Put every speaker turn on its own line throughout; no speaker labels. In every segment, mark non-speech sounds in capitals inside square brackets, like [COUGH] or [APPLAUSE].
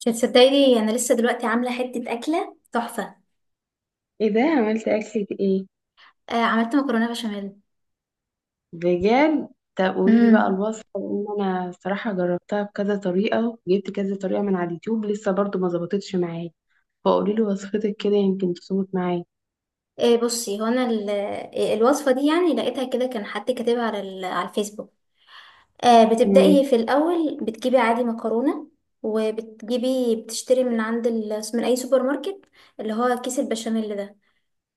مش هتصدقيني، انا لسه دلوقتي عامله حته اكله تحفه.
ايه ده؟ عملت اكلة ايه؟
عملت مكرونه بشاميل.
بجد؟ طب قولي لي بقى
امم
الوصفة، لان انا صراحة جربتها بكذا طريقة، جبت كذا طريقة من على اليوتيوب لسه برضو ما ظبطتش معايا. فقولي لي وصفتك كده يمكن تظبط معايا.
بصي، هو انا الوصفه دي يعني لقيتها كده، كان حد كاتبها على على الفيسبوك. آه،
امم.
بتبداي في الاول بتجيبي عادي مكرونه، وبتجيبي بتشتري من من اي سوبر ماركت، اللي هو كيس البشاميل ده.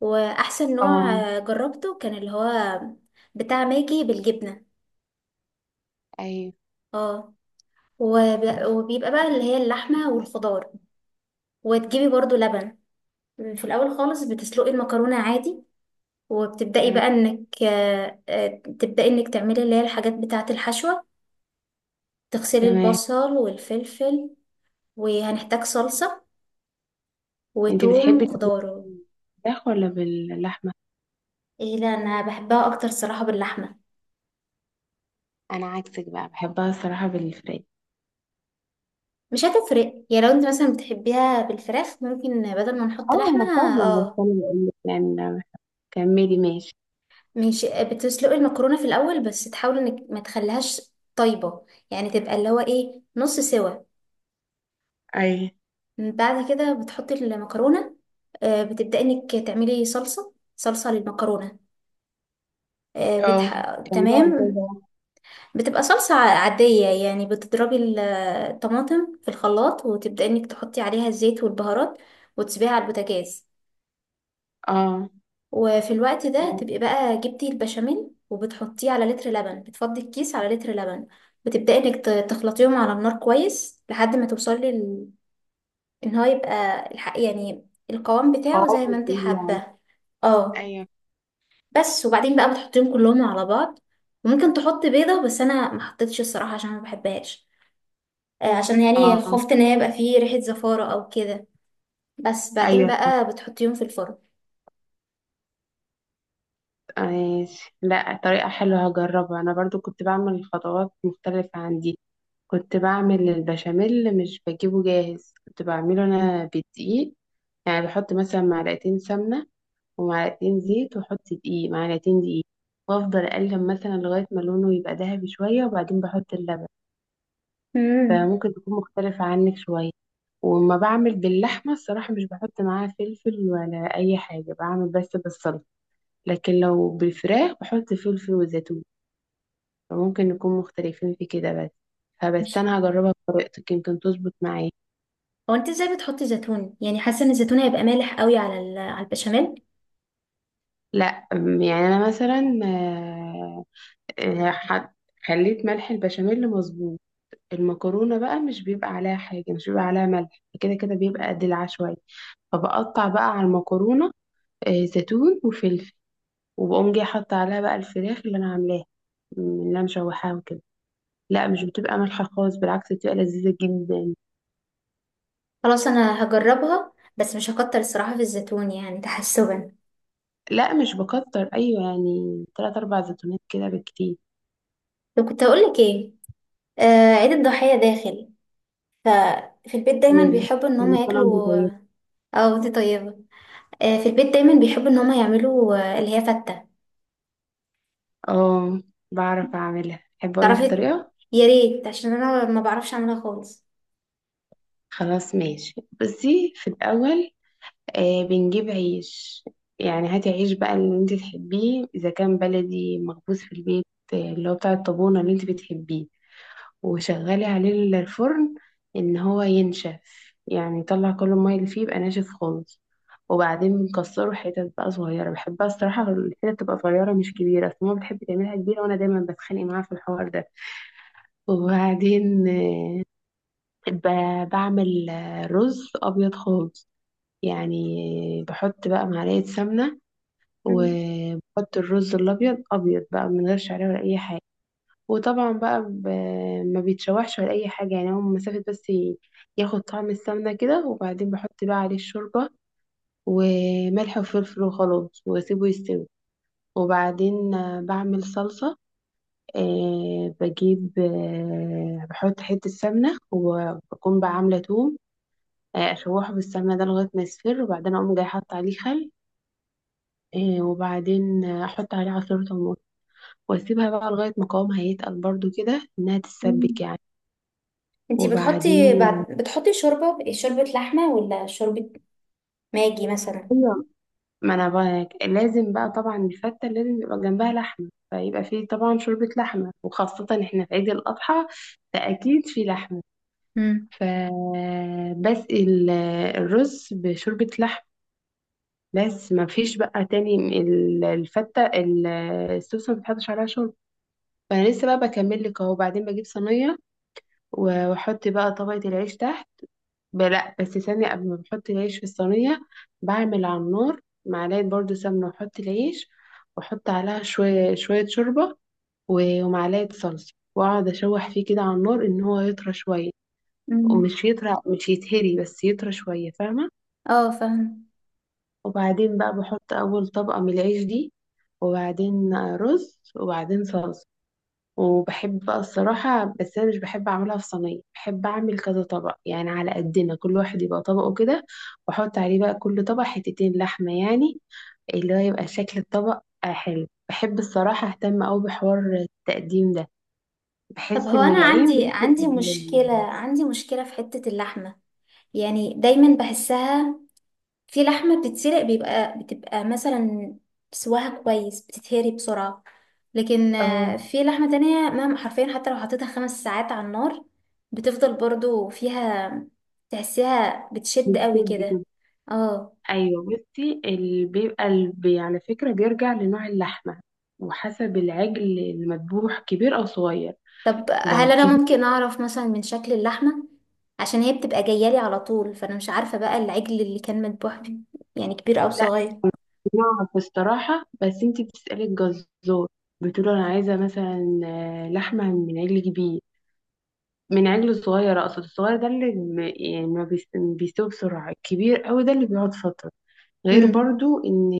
واحسن نوع
اه.
جربته كان اللي هو بتاع ماجي بالجبنه.
ايوه.
اه. وب... وبيبقى بقى اللي هي اللحمه والخضار، وتجيبي برضو لبن. في الاول خالص بتسلقي المكرونه عادي، وبتبداي
تمام.
بقى انك تبداي انك تعملي اللي هي الحاجات بتاعه الحشوه. تغسلي
تمام.
البصل والفلفل، وهنحتاج صلصه
انت
وتوم
بتحبي تاكليها
وخضار.
بالفراخ ولا باللحمة؟
ايه، لا، انا بحبها اكتر صراحه باللحمه.
انا عكسك بقى، بحبها الصراحة بالفراخ.
مش هتفرق يعني، لو انت مثلا بتحبيها بالفراخ ممكن بدل ما نحط
اه
لحمه.
انا فاهمة، بس
اه.
انا بقول لك يعني. كملي ماشي.
مش بتسلقي المكرونه في الاول، بس تحاولي انك ما تخليهاش طيبه، يعني تبقى اللي هو ايه نص سوا.
ايوه.
بعد كده بتحطي المكرونة. بتبدأي انك تعملي صلصة للمكرونة.
اه، كمليها ازاي
تمام.
بقى.
بتبقى صلصة عادية، يعني بتضربي الطماطم في الخلاط، وتبدأي انك تحطي عليها الزيت والبهارات، وتسيبيها على البوتاجاز.
اه.
وفي الوقت ده تبقي بقى جبتي البشاميل، وبتحطيه على لتر لبن، بتفضي الكيس على لتر لبن. بتبدأي انك تخلطيهم على النار كويس لحد ما توصلي ان هو يبقى يعني القوام
اه
بتاعه زي ما انت
بتقولي يعني.
حابة. اه.
ايوه.
بس وبعدين بقى بتحطيهم كلهم على بعض. وممكن تحط بيضة، بس انا ما حطيتش الصراحة عشان ما بحبهاش. عشان يعني
اه.
خفت ان هي يبقى فيه ريحة زفارة او كده. بس بعدين
ايوه
بقى بتحطيهم في الفرن.
ماشي. لا طريقة حلوة، هجربها، انا برضو كنت بعمل خطوات مختلفة عن دي. كنت بعمل البشاميل مش بجيبه جاهز، كنت بعمله انا بالدقيق. يعني بحط مثلا معلقتين سمنة، ومعلقتين زيت، واحط معلقتين دقيق، وافضل اقلب مثلا لغاية ما لونه يبقى ذهبي شوية، وبعدين بحط اللبن.
امم
فممكن تكون مختلفة عنك شوية. وما بعمل باللحمة الصراحة مش بحط معاها فلفل ولا اي حاجة، بعمل بس بالصلصة. لكن لو بالفراخ بحط فلفل وزيتون. فممكن نكون مختلفين في كده بس. فبس انا هجربها بطريقتك يمكن تظبط معايا.
هو انت ازاي بتحطي زيتون؟ يعني حاسة ان الزيتون هيبقى مالح قوي على على البشاميل.
لا يعني انا مثلا آه، ح- خليت ملح البشاميل مظبوط. المكرونه بقى مش بيبقى عليها حاجه، مش بيبقى عليها ملح، كده كده بيبقى دلع شويه. فبقطع بقى على المكرونه زيتون وفلفل، وبقوم جاي حاطه عليها بقى الفراخ اللي انا عاملاها، اللي انا مشوحاها وكده. لا مش بتبقى مالحه خالص، بالعكس بتبقى لذيذه جدا.
خلاص، انا هجربها بس مش هكتر الصراحة في الزيتون، يعني تحسبا.
لا مش بكتر، ايوه يعني تلات اربع زيتونات كده بالكتير.
لو كنت هقولك ايه، آه، عيد الضحية داخل، في البيت دايما
ايوه
بيحبوا ان هم
يعني كان عندي
ياكلوا.
طيب.
اه، انت طيبة. في البيت دايما بيحبوا ان هما يعملوا اللي هي فتة.
اه بعرف اعملها، احب اقولك
تعرفي،
الطريقه.
يا ريت، عشان انا ما بعرفش اعملها خالص.
خلاص ماشي. بصي، في الاول بنجيب عيش. يعني هاتي عيش بقى اللي انت تحبيه، اذا كان بلدي مخبوز في البيت اللي هو بتاع الطابونه اللي انت بتحبيه. وشغلي عليه الفرن ان هو ينشف، يعني يطلع كل المية اللي فيه، يبقى ناشف خالص. وبعدين بنكسره حتت بقى صغيرة، بحبها الصراحة الحتت تبقى صغيرة مش كبيرة، أصل ماما بتحب تعملها كبيرة وأنا دايما بتخانق معاها في الحوار ده. وبعدين بعمل رز أبيض خالص. يعني بحط بقى معلقة سمنة،
مم.
وبحط الرز الأبيض أبيض بقى، من غير شعرية ولا أي حاجة. وطبعا بقى ما بيتشوحش ولا اي حاجه، يعني هو مسافه بس ياخد طعم السمنه كده. وبعدين بحط بقى عليه الشوربه وملح وفلفل، وخلاص واسيبه يستوي. وبعدين بعمل صلصه. أه بجيب أه بحط حته سمنه، وبكون بقى عامله توم اشوحه بالسمنه ده لغايه ما يصفر، وبعدين اقوم جاي حاطه عليه خل. وبعدين احط عليه عصير طماطم، واسيبها بقى لغايه ما قوامها يتقل برضو كده، انها تتسبك
مم.
يعني.
انتي بتحطي
وبعدين
بعد بتحطي شوربة لحمة ولا شوربة ماجي مثلا؟
ايوه، ما انا بقى لازم بقى طبعا الفته لازم يبقى جنبها لحمه، فيبقى فيه طبعا شوربه لحمه، وخاصه احنا في عيد الاضحى فاكيد في لحمه.
مم.
فبسقي الرز بشوربه لحمه. بس ما فيش بقى تاني، الفته السوسه ما بتحطش عليها شوربه. فانا لسه بقى بكمل لك اهو. بعدين بجيب صينيه واحط بقى طبقه العيش تحت. لا بس ثانية، قبل ما بحط العيش في الصينية، بعمل على النار معلقة برضو سمنة، وأحط العيش وأحط عليها شوية شوية شوربة ومعلقة صلصة، وأقعد أشوح فيه كده على النار إن هو يطرى شوية.
مم.
ومش يطرى، مش يتهري بس يطرى شوية، فاهمة.
اه، فاهم.
وبعدين بقى بحط أول طبقة من العيش دي، وبعدين رز، وبعدين صلصة. وبحب الصراحة، بس أنا مش بحب أعملها في صينية، بحب أعمل كذا طبق يعني على قدنا، كل واحد يبقى طبقه كده. وأحط عليه بقى كل طبق حتتين لحمة يعني. اللي هو يبقى شكل الطبق حلو. بحب الصراحة أهتم أوي بحوار التقديم ده،
طب
بحس
هو
إن
انا
العين
عندي
بتفرق
عندي
قبل
مشكلة، مشكلة في حتة اللحمة. يعني دايما بحسها، في لحمة بتتسلق بيبقى بتبقى مثلا سواها كويس بتتهري بسرعة. لكن
اه،
في لحمة تانية مهما حرفيا، حتى لو حطيتها 5 ساعات على النار بتفضل برضو فيها، تحسيها بتشد قوي
بتشد كده.
كده. اه.
أيوة، بصي، اللي بيبقى على فكرة بيرجع لنوع اللحمة، وحسب العجل المذبوح كبير أو صغير.
طب هل
لو
انا
كبير،
ممكن اعرف مثلا من شكل اللحمة؟ عشان هي بتبقى جاية لي على طول، فانا مش عارفة بقى العجل اللي كان مذبوح بيه، يعني كبير او صغير.
نعرف الصراحة بس انتي بتسألي الجزار، بتقول انا عايزة مثلا لحمة من عجل كبير، من عجل صغير. اقصد الصغير ده اللي يعني ما بيس- بيستوي بسرعة، الكبير قوي ده اللي بيقعد فترة. غير
امم
برضو ان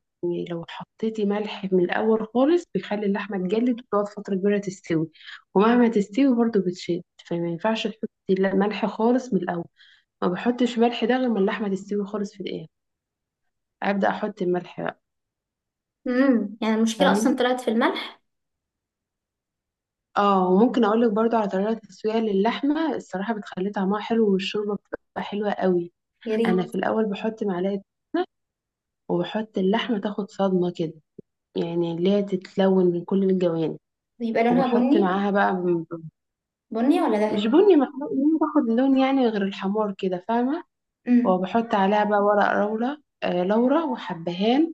لو حطيتي ملح من الاول خالص بيخلي اللحمة تجلد وتقعد فترة كبيرة تستوي، ومهما تستوي برضو بتشد. فما ينفعش تحطي ملح خالص من الاول، ما بحطش ملح ده غير ما اللحمة تستوي خالص في الاخر، ابدأ احط الملح بقى،
يعني المشكلة اصلا
فاهمة.
طلعت في الملح.
اه، وممكن اقول لك برضو على طريقه تسويه للحمه، الصراحه بتخلي طعمها حلو والشوربه بتبقى حلوه قوي.
يا
انا
ريت.
في الاول بحط معلقه سمنه، وبحط اللحمه تاخد صدمه كده، يعني اللي هي تتلون من كل الجوانب.
بيبقى لونها
وبحط
بني؟
معاها بقى
بني ولا
مش
ذهبي؟
بني محروق يعني، باخد لون يعني غير الحمار كده، فاهمه.
مم.
وبحط عليها بقى ورق لورا وحبهان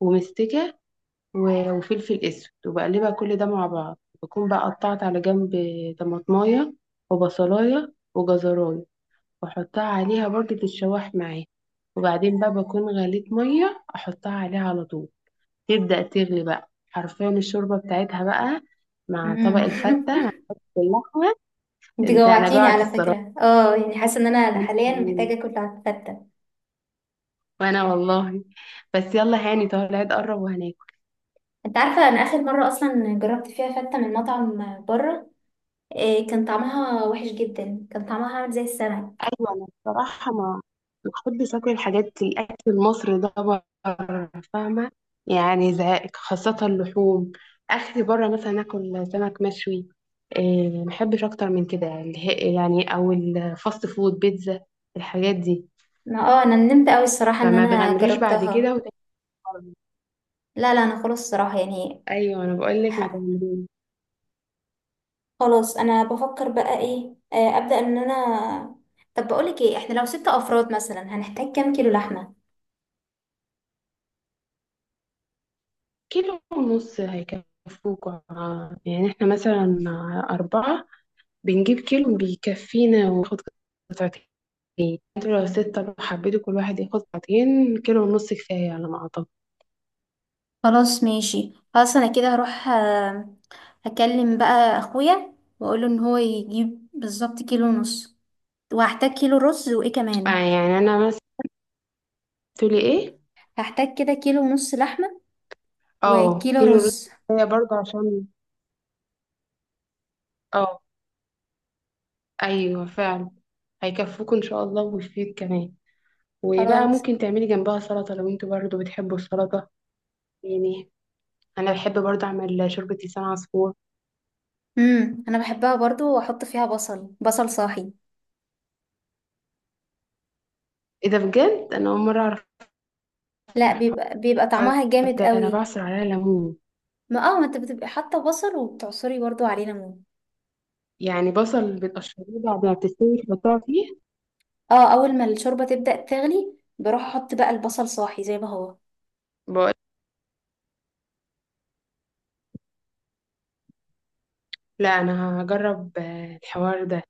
ومستكه وفلفل اسود، وبقلبها كل ده مع بعض. بكون بقى قطعت على جنب طماطمايه وبصلايه وجزرايه، واحطها عليها برضه تتشوح معايا. وبعدين بقى بكون غليت ميه احطها عليها على طول، تبدأ تغلي بقى حرفيا الشوربه بتاعتها بقى مع طبق
مم.
الفتة مع اللحمة.
[LAUGHS] انت
انا
جوعتيني
جوعت
على
الصراحة.
فكرة. اه، يعني حاسة ان
[LAUGHS]
انا
وانا
حاليا محتاجة
كمان.
اكل على الفتة.
وأنا والله، بس يلا هاني طالع قرب وهناك.
انت عارفة، انا اخر مرة اصلا جربت فيها فتة من مطعم بره، إيه كان طعمها وحش جدا، كان طعمها عامل زي السمك.
ايوه، انا بصراحه ما بحبش اكل الاكل المصري ده بره، فاهمه. يعني زهق، خاصه اللحوم. اخري بره مثلا اكل سمك مشوي، إيه، ما بحبش اكتر من كده، يعني او الفاست فود، بيتزا، الحاجات دي.
ما اه انا ندمت قوي الصراحة ان
فما
انا
تغامريش بعد
جربتها.
كده وتاني مرة.
لا لا، انا خلاص الصراحة يعني.
ايوه انا بقول لك ما
ح-
تغامريش.
خلاص انا بفكر بقى ايه، ابدأ ان انا. طب بقولك ايه، احنا لو ستة افراد مثلا هنحتاج كام كيلو لحمة؟
كيلو ونص هيكفوك. يعني احنا مثلا اربعه بنجيب كيلو بيكفينا وناخد قطعتين. انتوا لو ستة، لو حبيتوا كل واحد ياخد ساعتين، كيلو ونص كفاية على ما أعتقد.
خلاص ماشي، خلاص انا كده هروح اكلم بقى اخويا، واقوله ان هو يجيب بالظبط كيلو ونص. وهحتاج كيلو رز وايه كمان؟
يعني أنا مثلا، تقولي إيه؟
هحتاج كده كيلو ونص لحمة
اه،
وكيلو
كيلو ونص
رز.
كفاية برضه، عشان اه، أيوه فعلا هيكفوكوا إن شاء الله ويفيد كمان. وبقى
خلاص.
ممكن تعملي جنبها سلطة لو انتوا برضه بتحبوا السلطة يعني. أنا بحب برضه أعمل شوربة لسان عصفور.
امم، انا بحبها برضو، واحط فيها بصل صاحي.
إيه ده بجد؟ أنا أول مرة أعرف
لا، بيبقى بيبقى
الحوار
طعمها جامد
ده. أنا
قوي.
بعصر عليها ليمون،
ما اه، ما انت بتبقي حاطه بصل وبتعصري برضو عليه ليمون.
يعني بصل بتقشريه بعد ما بتستوي تحطها فيه.
اه، اول ما الشوربة تبدأ تغلي بروح احط بقى البصل صاحي زي ما هو.
لا انا هجرب الحوار ده،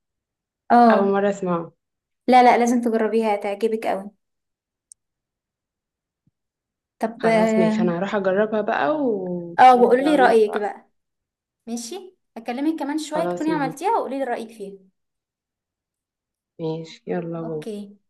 اول
اه.
مره اسمعه.
لا لا، لازم تجربيها هتعجبك قوي. طب
خلاص
اه،
ماشي، انا هروح اجربها بقى وهنا
وقولي لي
بقول لك
رأيك
بقى.
بقى. ماشي، اكلمك كمان شوية
خلاص
تكوني
ماشي.
عملتيها وقولي لي رأيك فيها.
ماشي يلا باي.
اوكي.